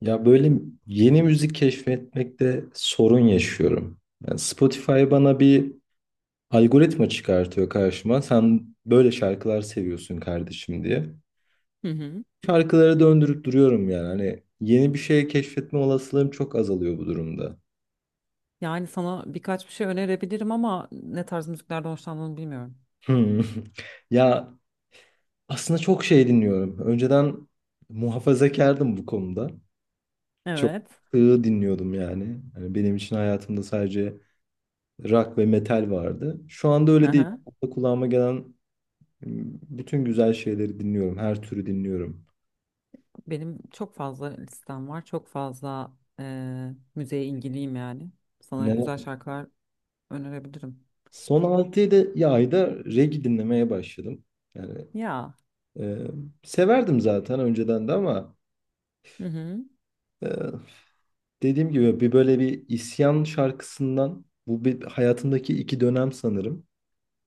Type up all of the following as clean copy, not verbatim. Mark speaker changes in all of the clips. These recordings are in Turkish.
Speaker 1: Ya böyle yeni müzik keşfetmekte sorun yaşıyorum. Yani Spotify bana bir algoritma çıkartıyor karşıma. Sen böyle şarkılar seviyorsun kardeşim diye.
Speaker 2: Hı hı.
Speaker 1: Şarkılara döndürüp duruyorum yani. Hani yeni bir şey keşfetme olasılığım çok azalıyor bu durumda.
Speaker 2: Yani sana birkaç bir şey önerebilirim ama ne tarz müziklerden hoşlandığını bilmiyorum.
Speaker 1: Hmm. Ya aslında çok şey dinliyorum. Önceden muhafazakardım bu konuda. Çok
Speaker 2: Evet.
Speaker 1: sığ dinliyordum yani. Hani benim için hayatımda sadece rock ve metal vardı. Şu anda
Speaker 2: Hı
Speaker 1: öyle değil.
Speaker 2: hı.
Speaker 1: Şu anda kulağıma gelen bütün güzel şeyleri dinliyorum. Her türü dinliyorum.
Speaker 2: Benim çok fazla listem var. Çok fazla müziğe ilgiliyim yani. Sana güzel
Speaker 1: Ne?
Speaker 2: şarkılar önerebilirim.
Speaker 1: Son 6-7 ayda reggae dinlemeye başladım. Yani
Speaker 2: Ya.
Speaker 1: e, severdim zaten önceden de ama
Speaker 2: Hı hı.
Speaker 1: e, dediğim gibi bir böyle bir isyan şarkısından bu bir hayatımdaki iki dönem sanırım.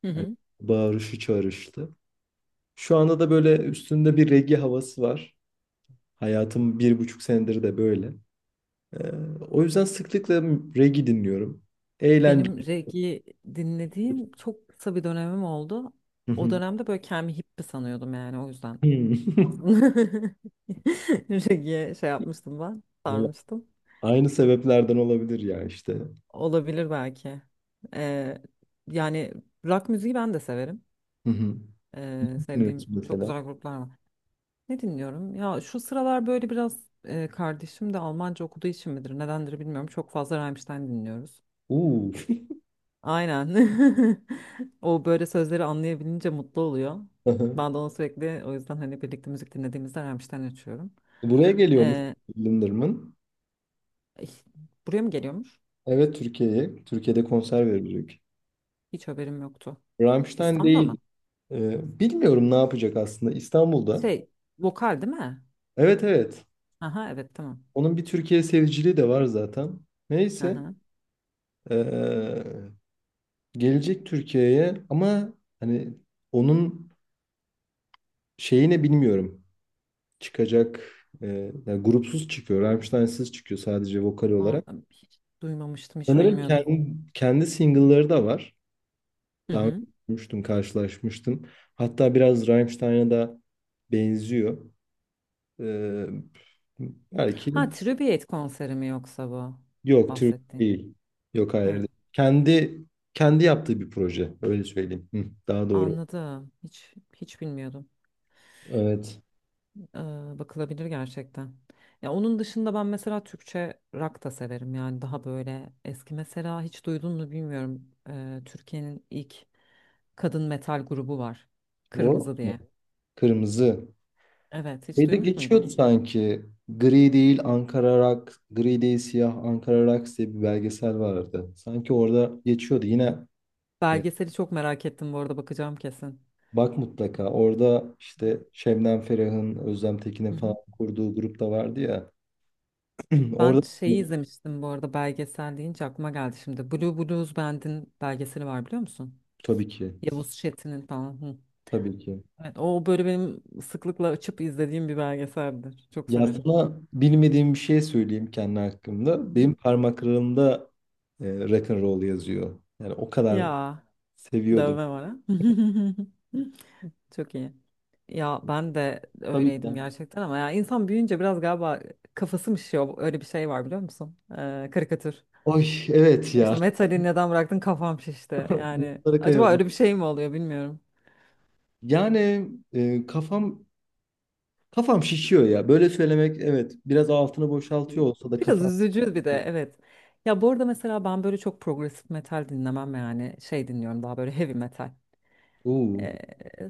Speaker 2: Hı
Speaker 1: Yani
Speaker 2: hı.
Speaker 1: bağırışı çağrıştı. Şu anda da böyle üstünde bir reggae havası var. Hayatım bir buçuk senedir de böyle. Ee, O yüzden sıklıkla reggae dinliyorum.
Speaker 2: Benim
Speaker 1: Eğlenceli.
Speaker 2: reggae dinlediğim çok kısa bir dönemim oldu.
Speaker 1: Hı
Speaker 2: O
Speaker 1: hı.
Speaker 2: dönemde böyle kendimi hippie sanıyordum yani o yüzden.
Speaker 1: Hı.
Speaker 2: Aslında reggae şey yapmıştım ben,
Speaker 1: Vallahi
Speaker 2: sarmıştım.
Speaker 1: aynı sebeplerden olabilir ya işte.
Speaker 2: Olabilir belki. Ee, Yani rock müziği ben de severim.
Speaker 1: Hı hı. Dinliyoruz
Speaker 2: Sevdiğim çok
Speaker 1: mesela.
Speaker 2: güzel gruplar var. Ne dinliyorum? Ya şu sıralar böyle biraz kardeşim de Almanca okuduğu için midir, nedendir bilmiyorum. Çok fazla Rammstein dinliyoruz.
Speaker 1: Uuu.
Speaker 2: Aynen. O böyle sözleri anlayabilince mutlu oluyor.
Speaker 1: Hı hı.
Speaker 2: Ben de onu sürekli o yüzden hani birlikte müzik dinlediğimizde Rammstein açıyorum.
Speaker 1: Buraya geliyormuş
Speaker 2: Ee,
Speaker 1: Linderman.
Speaker 2: ih, Buraya mı geliyormuş?
Speaker 1: Evet, Türkiye'ye. Türkiye'de konser verecek.
Speaker 2: Hiç haberim yoktu.
Speaker 1: Rammstein
Speaker 2: İstanbul'a
Speaker 1: değil.
Speaker 2: mı?
Speaker 1: Bilmiyorum ne yapacak aslında İstanbul'da.
Speaker 2: Şey, vokal değil mi?
Speaker 1: Evet evet.
Speaker 2: Aha, evet, tamam.
Speaker 1: Onun bir Türkiye seviciliği de var zaten.
Speaker 2: Hı
Speaker 1: Neyse.
Speaker 2: hı.
Speaker 1: ee, Gelecek Türkiye'ye ama hani onun şeyini bilmiyorum. Çıkacak e, yani grupsuz çıkıyor. Rammstein'siz çıkıyor sadece vokal
Speaker 2: Aa,
Speaker 1: olarak.
Speaker 2: hiç duymamıştım, hiç
Speaker 1: Sanırım
Speaker 2: bilmiyordum.
Speaker 1: kendi single'ları da var.
Speaker 2: Hı
Speaker 1: Daha önce
Speaker 2: hı.
Speaker 1: görmüştüm, karşılaşmıştım. Hatta biraz Rammstein'a da benziyor. E, belki
Speaker 2: Ha, tribute konseri mi yoksa bu
Speaker 1: Yok, Türk
Speaker 2: bahsettiğin?
Speaker 1: değil. Yok hayır,
Speaker 2: Ha,
Speaker 1: değil. Kendi kendi yaptığı bir proje. Öyle söyleyeyim. Hı, daha doğru.
Speaker 2: anladım. Hiç bilmiyordum.
Speaker 1: Evet.
Speaker 2: Ee, Bakılabilir gerçekten. Ya onun dışında ben mesela Türkçe rock da severim. Yani daha böyle eski, mesela hiç duydun mu bilmiyorum. Türkiye'nin ilk kadın metal grubu var.
Speaker 1: Warhol
Speaker 2: Kırmızı
Speaker 1: mu?
Speaker 2: diye.
Speaker 1: Kırmızı.
Speaker 2: Evet, hiç
Speaker 1: Şeyde
Speaker 2: duymuş
Speaker 1: geçiyordu
Speaker 2: muydun?
Speaker 1: sanki. Gri değil Ankara Rock, gri değil siyah Ankara Rocks diye bir belgesel vardı. Sanki orada geçiyordu. Yine e,
Speaker 2: Belgeseli çok merak ettim, bu arada bakacağım kesin.
Speaker 1: bak mutlaka orada işte Şebnem Ferah'ın, Özlem
Speaker 2: Hı
Speaker 1: Tekin'in falan
Speaker 2: hı.
Speaker 1: kurduğu grup da vardı ya.
Speaker 2: Ben
Speaker 1: Orada
Speaker 2: şeyi izlemiştim, bu arada belgesel deyince aklıma geldi şimdi. Blue Blues Band'in belgeseli var, biliyor musun?
Speaker 1: tabii ki.
Speaker 2: Yavuz Çetin'in falan. Hı.
Speaker 1: Tabii ki.
Speaker 2: Evet, o böyle benim sıklıkla açıp izlediğim bir belgeseldir. Çok
Speaker 1: Ya
Speaker 2: severim.
Speaker 1: sana bilmediğim bir şey söyleyeyim kendi hakkımda. Benim
Speaker 2: Hı.
Speaker 1: parmaklarımda rock and roll yazıyor. Yani o kadar
Speaker 2: Ya
Speaker 1: seviyordum.
Speaker 2: dövme var ha. Çok iyi. Ya ben de
Speaker 1: Tabii
Speaker 2: öyleydim
Speaker 1: ki.
Speaker 2: gerçekten ama ya insan büyüyünce biraz galiba kafası mı şişiyor? Öyle bir şey var biliyor musun? Karikatür.
Speaker 1: Oy evet
Speaker 2: İşte
Speaker 1: ya.
Speaker 2: metali neden bıraktın, kafam şişti. Yani
Speaker 1: Bunlara
Speaker 2: acaba
Speaker 1: kıyamam.
Speaker 2: öyle bir şey mi oluyor bilmiyorum.
Speaker 1: Yani kafam şişiyor ya. Böyle söylemek evet biraz altını boşaltıyor olsa da
Speaker 2: Biraz
Speaker 1: kafam.
Speaker 2: üzücü bir de, evet. Ya bu arada mesela ben böyle çok progresif metal dinlemem, yani şey dinliyorum daha böyle heavy metal.
Speaker 1: Oo,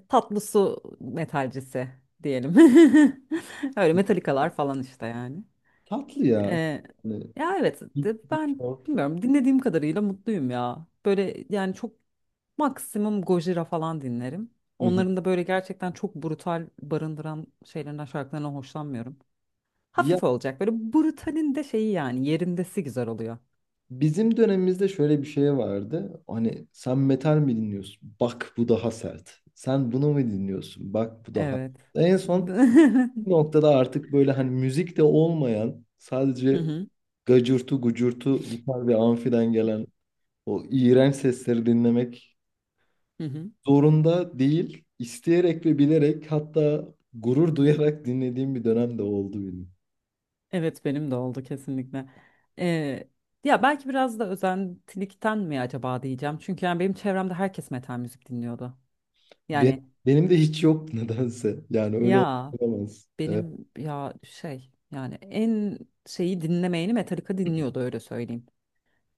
Speaker 2: Tatlı su metalcisi diyelim. Öyle metalikalar falan işte yani.
Speaker 1: tatlı ya.
Speaker 2: Ee,
Speaker 1: Hani Big
Speaker 2: Ben
Speaker 1: Four.
Speaker 2: bilmiyorum, dinlediğim kadarıyla mutluyum ya. Böyle yani çok maksimum Gojira falan dinlerim.
Speaker 1: Hı hı.
Speaker 2: Onların da böyle gerçekten çok brutal barındıran şeylerinden, şarkılarından hoşlanmıyorum.
Speaker 1: Ya
Speaker 2: Hafif olacak. Böyle brutalin de şeyi yani yerindesi güzel oluyor.
Speaker 1: bizim dönemimizde şöyle bir şey vardı. Hani sen metal mi dinliyorsun? Bak bu daha sert. Sen bunu mu dinliyorsun? Bak bu daha.
Speaker 2: Evet.
Speaker 1: En son
Speaker 2: Hı
Speaker 1: bir noktada artık böyle hani müzik de olmayan sadece
Speaker 2: hı,
Speaker 1: gacırtı gucurtu gitar ve amfiden gelen o iğrenç sesleri dinlemek
Speaker 2: hı hı.
Speaker 1: zorunda değil, isteyerek ve bilerek hatta gurur duyarak dinlediğim bir dönem de oldu benim.
Speaker 2: Evet, benim de oldu kesinlikle. Ee, Ya belki biraz da özentilikten mi acaba diyeceğim. Çünkü yani benim çevremde herkes metal müzik dinliyordu.
Speaker 1: Be-
Speaker 2: Yani
Speaker 1: Benim de hiç yok nedense. Yani öyle
Speaker 2: ya
Speaker 1: olamaz. Evet.
Speaker 2: benim ya şey yani En şeyi dinlemeyeni Metallica dinliyordu, öyle söyleyeyim.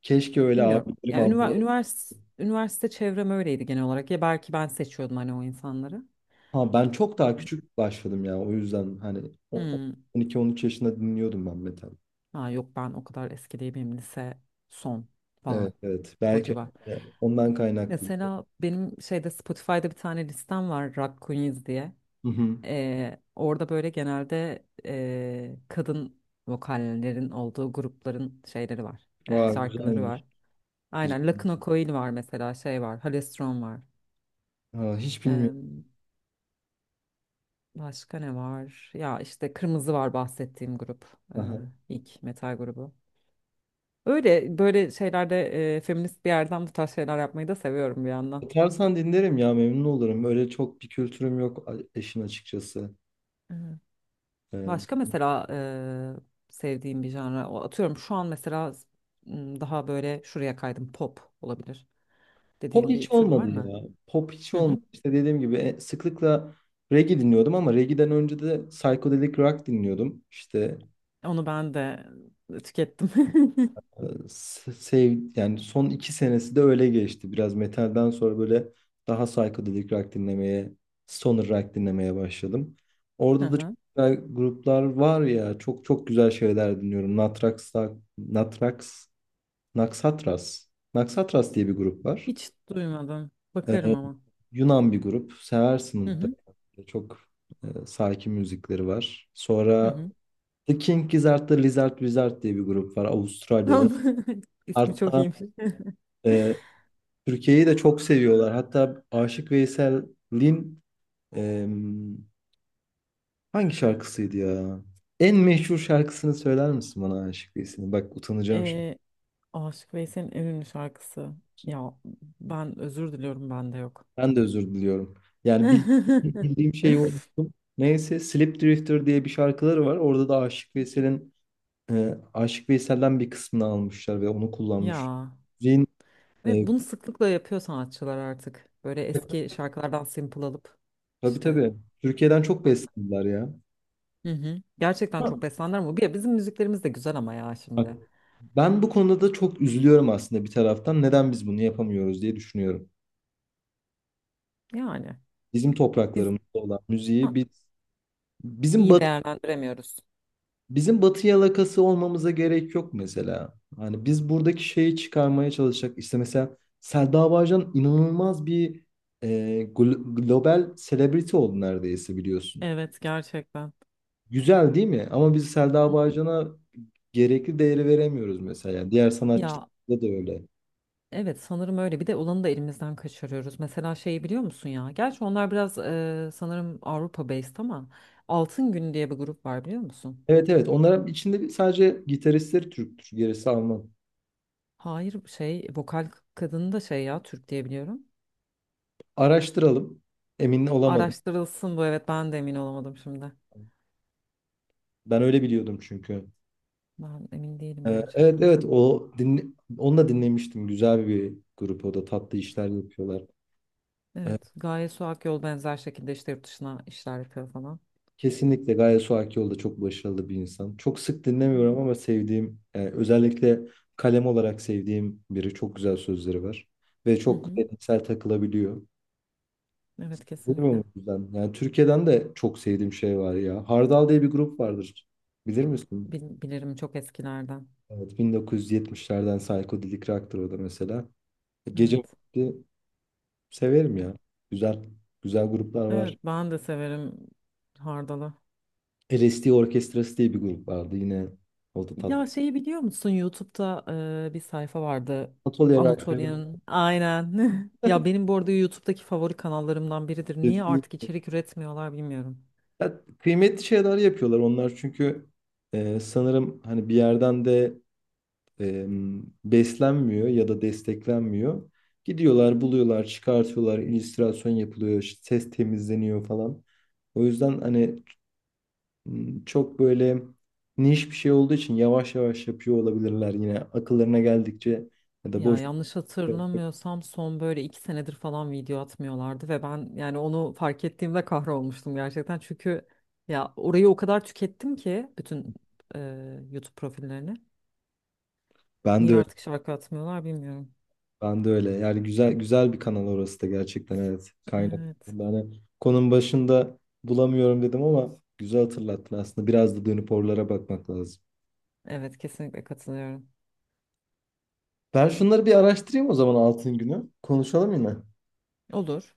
Speaker 1: Keşke öyle
Speaker 2: Bilmiyorum.
Speaker 1: abilerim
Speaker 2: Ya ünivers
Speaker 1: ablalarım.
Speaker 2: üniversite, üniversite çevrem öyleydi genel olarak. Ya belki ben seçiyordum hani o insanları.
Speaker 1: Ha ben çok daha küçük başladım ya o yüzden hani
Speaker 2: Hmm.
Speaker 1: 12-13 yaşında dinliyordum ben metal.
Speaker 2: Ha yok, ben o kadar eski değil, benim lise son falan
Speaker 1: Evet evet,
Speaker 2: o
Speaker 1: belki
Speaker 2: civar.
Speaker 1: yani ondan kaynaklı.
Speaker 2: Mesela benim şeyde Spotify'da bir tane listem var, Rock Queens diye.
Speaker 1: Hı hı.
Speaker 2: Orada böyle genelde kadın vokallerin olduğu grupların şeyleri var.
Speaker 1: Aa,
Speaker 2: Şarkıları
Speaker 1: güzelmiş,
Speaker 2: var. Aynen,
Speaker 1: güzel.
Speaker 2: Lakuna Coil var mesela, şey var, Halestron var.
Speaker 1: Ha, hiç bilmiyorum.
Speaker 2: Ee, Başka ne var? Ya işte Kırmızı var, bahsettiğim grup. ee,
Speaker 1: Aha.
Speaker 2: ilk metal grubu. Öyle böyle şeylerde feminist bir yerden bu tarz şeyler yapmayı da seviyorum bir yandan.
Speaker 1: Atarsan dinlerim ya, memnun olurum. Öyle çok bir kültürüm yok eşin açıkçası.
Speaker 2: Evet. Başka
Speaker 1: Ee,
Speaker 2: mesela sevdiğim bir janra atıyorum şu an mesela, daha böyle şuraya kaydım, pop olabilir
Speaker 1: Pop
Speaker 2: dediğin bir
Speaker 1: hiç
Speaker 2: tür var
Speaker 1: olmadı ya.
Speaker 2: mı?
Speaker 1: Pop hiç
Speaker 2: Hı hı.
Speaker 1: olmadı. İşte dediğim gibi sıklıkla reggae dinliyordum ama reggae'den önce de psychedelic rock dinliyordum. İşte
Speaker 2: Onu ben de tükettim.
Speaker 1: e, sev yani son iki senesi de öyle geçti. Biraz metalden sonra böyle daha psychedelic rock dinlemeye, stoner rock dinlemeye başladım.
Speaker 2: Hı
Speaker 1: Orada da çok
Speaker 2: hı.
Speaker 1: güzel gruplar var ya. Çok çok güzel şeyler dinliyorum. Natrax, Naxatras. Naxatras diye bir grup var.
Speaker 2: Hiç duymadım. Bakarım
Speaker 1: Ee,
Speaker 2: ama.
Speaker 1: Yunan bir grup. Seversin
Speaker 2: Hı
Speaker 1: mutlaka.
Speaker 2: hı.
Speaker 1: Çok sakin müzikleri var.
Speaker 2: Hı
Speaker 1: Sonra
Speaker 2: hı.
Speaker 1: The King Gizzard'da Lizard Wizard diye bir grup var Avustralya'da.
Speaker 2: İsmi çok
Speaker 1: Hatta
Speaker 2: iyiymiş.
Speaker 1: e, Türkiye'yi de çok seviyorlar. Hatta Aşık Veysel'in e, hangi şarkısıydı ya? En meşhur şarkısını söyler misin bana Aşık Veysel'in? Bak utanacağım şimdi.
Speaker 2: Ee, Aşık Veysel'in en ünlü şarkısı. Ya ben özür diliyorum, bende yok.
Speaker 1: Ben de özür diliyorum. Yani bildiğim şeyi unuttum. Neyse Slip Drifter diye bir şarkıları var. Orada da Aşık Veysel'den bir kısmını almışlar ve onu kullanmış.
Speaker 2: Ya,
Speaker 1: Müziğin, e,
Speaker 2: ve bunu sıklıkla yapıyor sanatçılar artık. Böyle eski şarkılardan sample alıp
Speaker 1: tabii
Speaker 2: işte
Speaker 1: tabii. Türkiye'den çok
Speaker 2: bak.
Speaker 1: beslendiler ya.
Speaker 2: Hı hı. Gerçekten
Speaker 1: Ha.
Speaker 2: çok beslendiler ama bizim müziklerimiz de güzel ama ya
Speaker 1: Bak,
Speaker 2: şimdi.
Speaker 1: ben bu konuda da çok üzülüyorum aslında bir taraftan. Neden biz bunu yapamıyoruz diye düşünüyorum.
Speaker 2: Yani
Speaker 1: Bizim
Speaker 2: biz,
Speaker 1: topraklarımızda olan müziği
Speaker 2: ha,
Speaker 1: biz bizim
Speaker 2: iyi
Speaker 1: batı
Speaker 2: değerlendiremiyoruz.
Speaker 1: bizim batı yalakası olmamıza gerek yok mesela. Hani biz buradaki şeyi çıkarmaya çalışacak. İşte mesela Selda Bağcan inanılmaz bir e, global celebrity oldu neredeyse, biliyorsun.
Speaker 2: Evet, gerçekten.
Speaker 1: Güzel değil mi? Ama biz
Speaker 2: Hı
Speaker 1: Selda
Speaker 2: hı.
Speaker 1: Bağcan'a gerekli değeri veremiyoruz mesela. Yani diğer
Speaker 2: Ya
Speaker 1: sanatçılarda da öyle.
Speaker 2: evet, sanırım öyle. Bir de olanı da elimizden kaçırıyoruz. Mesela şeyi biliyor musun ya? Gerçi onlar biraz sanırım Avrupa based ama Altın Gün diye bir grup var, biliyor musun?
Speaker 1: Evet evet. Onlara içinde sadece gitaristleri Türktür. Gerisi Alman.
Speaker 2: Hayır, şey, vokal kadını da şey ya, Türk diye biliyorum.
Speaker 1: Araştıralım. Emin olamadım.
Speaker 2: Araştırılsın bu, evet, ben de emin olamadım şimdi.
Speaker 1: Ben öyle biliyordum çünkü.
Speaker 2: Ben emin değilim
Speaker 1: Evet
Speaker 2: gerçekten.
Speaker 1: evet. Onu da dinlemiştim. Güzel bir grup, o da tatlı işler yapıyorlar. Ee,
Speaker 2: Evet, Gaye Su Akyol benzer şekilde işte yurt dışına işler yapıyor falan.
Speaker 1: Kesinlikle Gaye Suakioğlu da çok başarılı bir insan. Çok sık dinlemiyorum ama sevdiğim, özellikle kalem olarak sevdiğim biri. Çok güzel sözleri var. Ve
Speaker 2: Hı
Speaker 1: çok
Speaker 2: hı.
Speaker 1: deneysel takılabiliyor.
Speaker 2: Evet
Speaker 1: Bilmiyorum
Speaker 2: kesinlikle.
Speaker 1: o yüzden. Yani Türkiye'den de çok sevdiğim şey var ya. Hardal diye bir grup vardır. Bilir misin?
Speaker 2: Bilirim, çok eskilerden.
Speaker 1: Evet, 1970'lerden psychedelic rock'tır o da mesela. Gece
Speaker 2: Evet.
Speaker 1: vakti severim ya. Güzel, güzel gruplar
Speaker 2: Evet,
Speaker 1: var.
Speaker 2: ben de severim Hardal'ı.
Speaker 1: LSD Orkestrası diye bir grup vardı yine. O da
Speaker 2: Ya
Speaker 1: tatlı.
Speaker 2: şeyi biliyor musun? YouTube'da bir sayfa vardı.
Speaker 1: Atölye rock'ı.
Speaker 2: Anatolian. Aynen. Ya benim bu arada YouTube'daki favori kanallarımdan biridir. Niye artık içerik üretmiyorlar bilmiyorum.
Speaker 1: Ya, kıymetli şeyler yapıyorlar onlar çünkü sanırım hani bir yerden de e, beslenmiyor ya da desteklenmiyor. Gidiyorlar, buluyorlar, çıkartıyorlar, illüstrasyon yapılıyor, işte ses temizleniyor falan. O yüzden hani çok böyle niş bir şey olduğu için yavaş yavaş yapıyor olabilirler yine akıllarına geldikçe ya da
Speaker 2: Ya
Speaker 1: boş.
Speaker 2: yanlış hatırlamıyorsam son böyle 2 senedir falan video atmıyorlardı ve ben yani onu fark ettiğimde kahrolmuştum gerçekten. Çünkü ya orayı o kadar tükettim ki bütün e, YouTube profillerini.
Speaker 1: Ben de
Speaker 2: Niye
Speaker 1: öyle.
Speaker 2: artık şarkı atmıyorlar bilmiyorum.
Speaker 1: Ben de öyle. Yani güzel güzel bir kanal orası da gerçekten, evet. Kaynak.
Speaker 2: Evet.
Speaker 1: Yani konunun başında bulamıyorum dedim ama güzel hatırlattın aslında. Biraz da dönüp oralara bakmak lazım.
Speaker 2: Evet kesinlikle katılıyorum.
Speaker 1: Ben şunları bir araştırayım o zaman, altın günü. Konuşalım yine.
Speaker 2: Olur.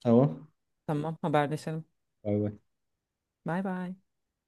Speaker 1: Tamam.
Speaker 2: Tamam, haberleşelim.
Speaker 1: Bay bay.
Speaker 2: Bay bay.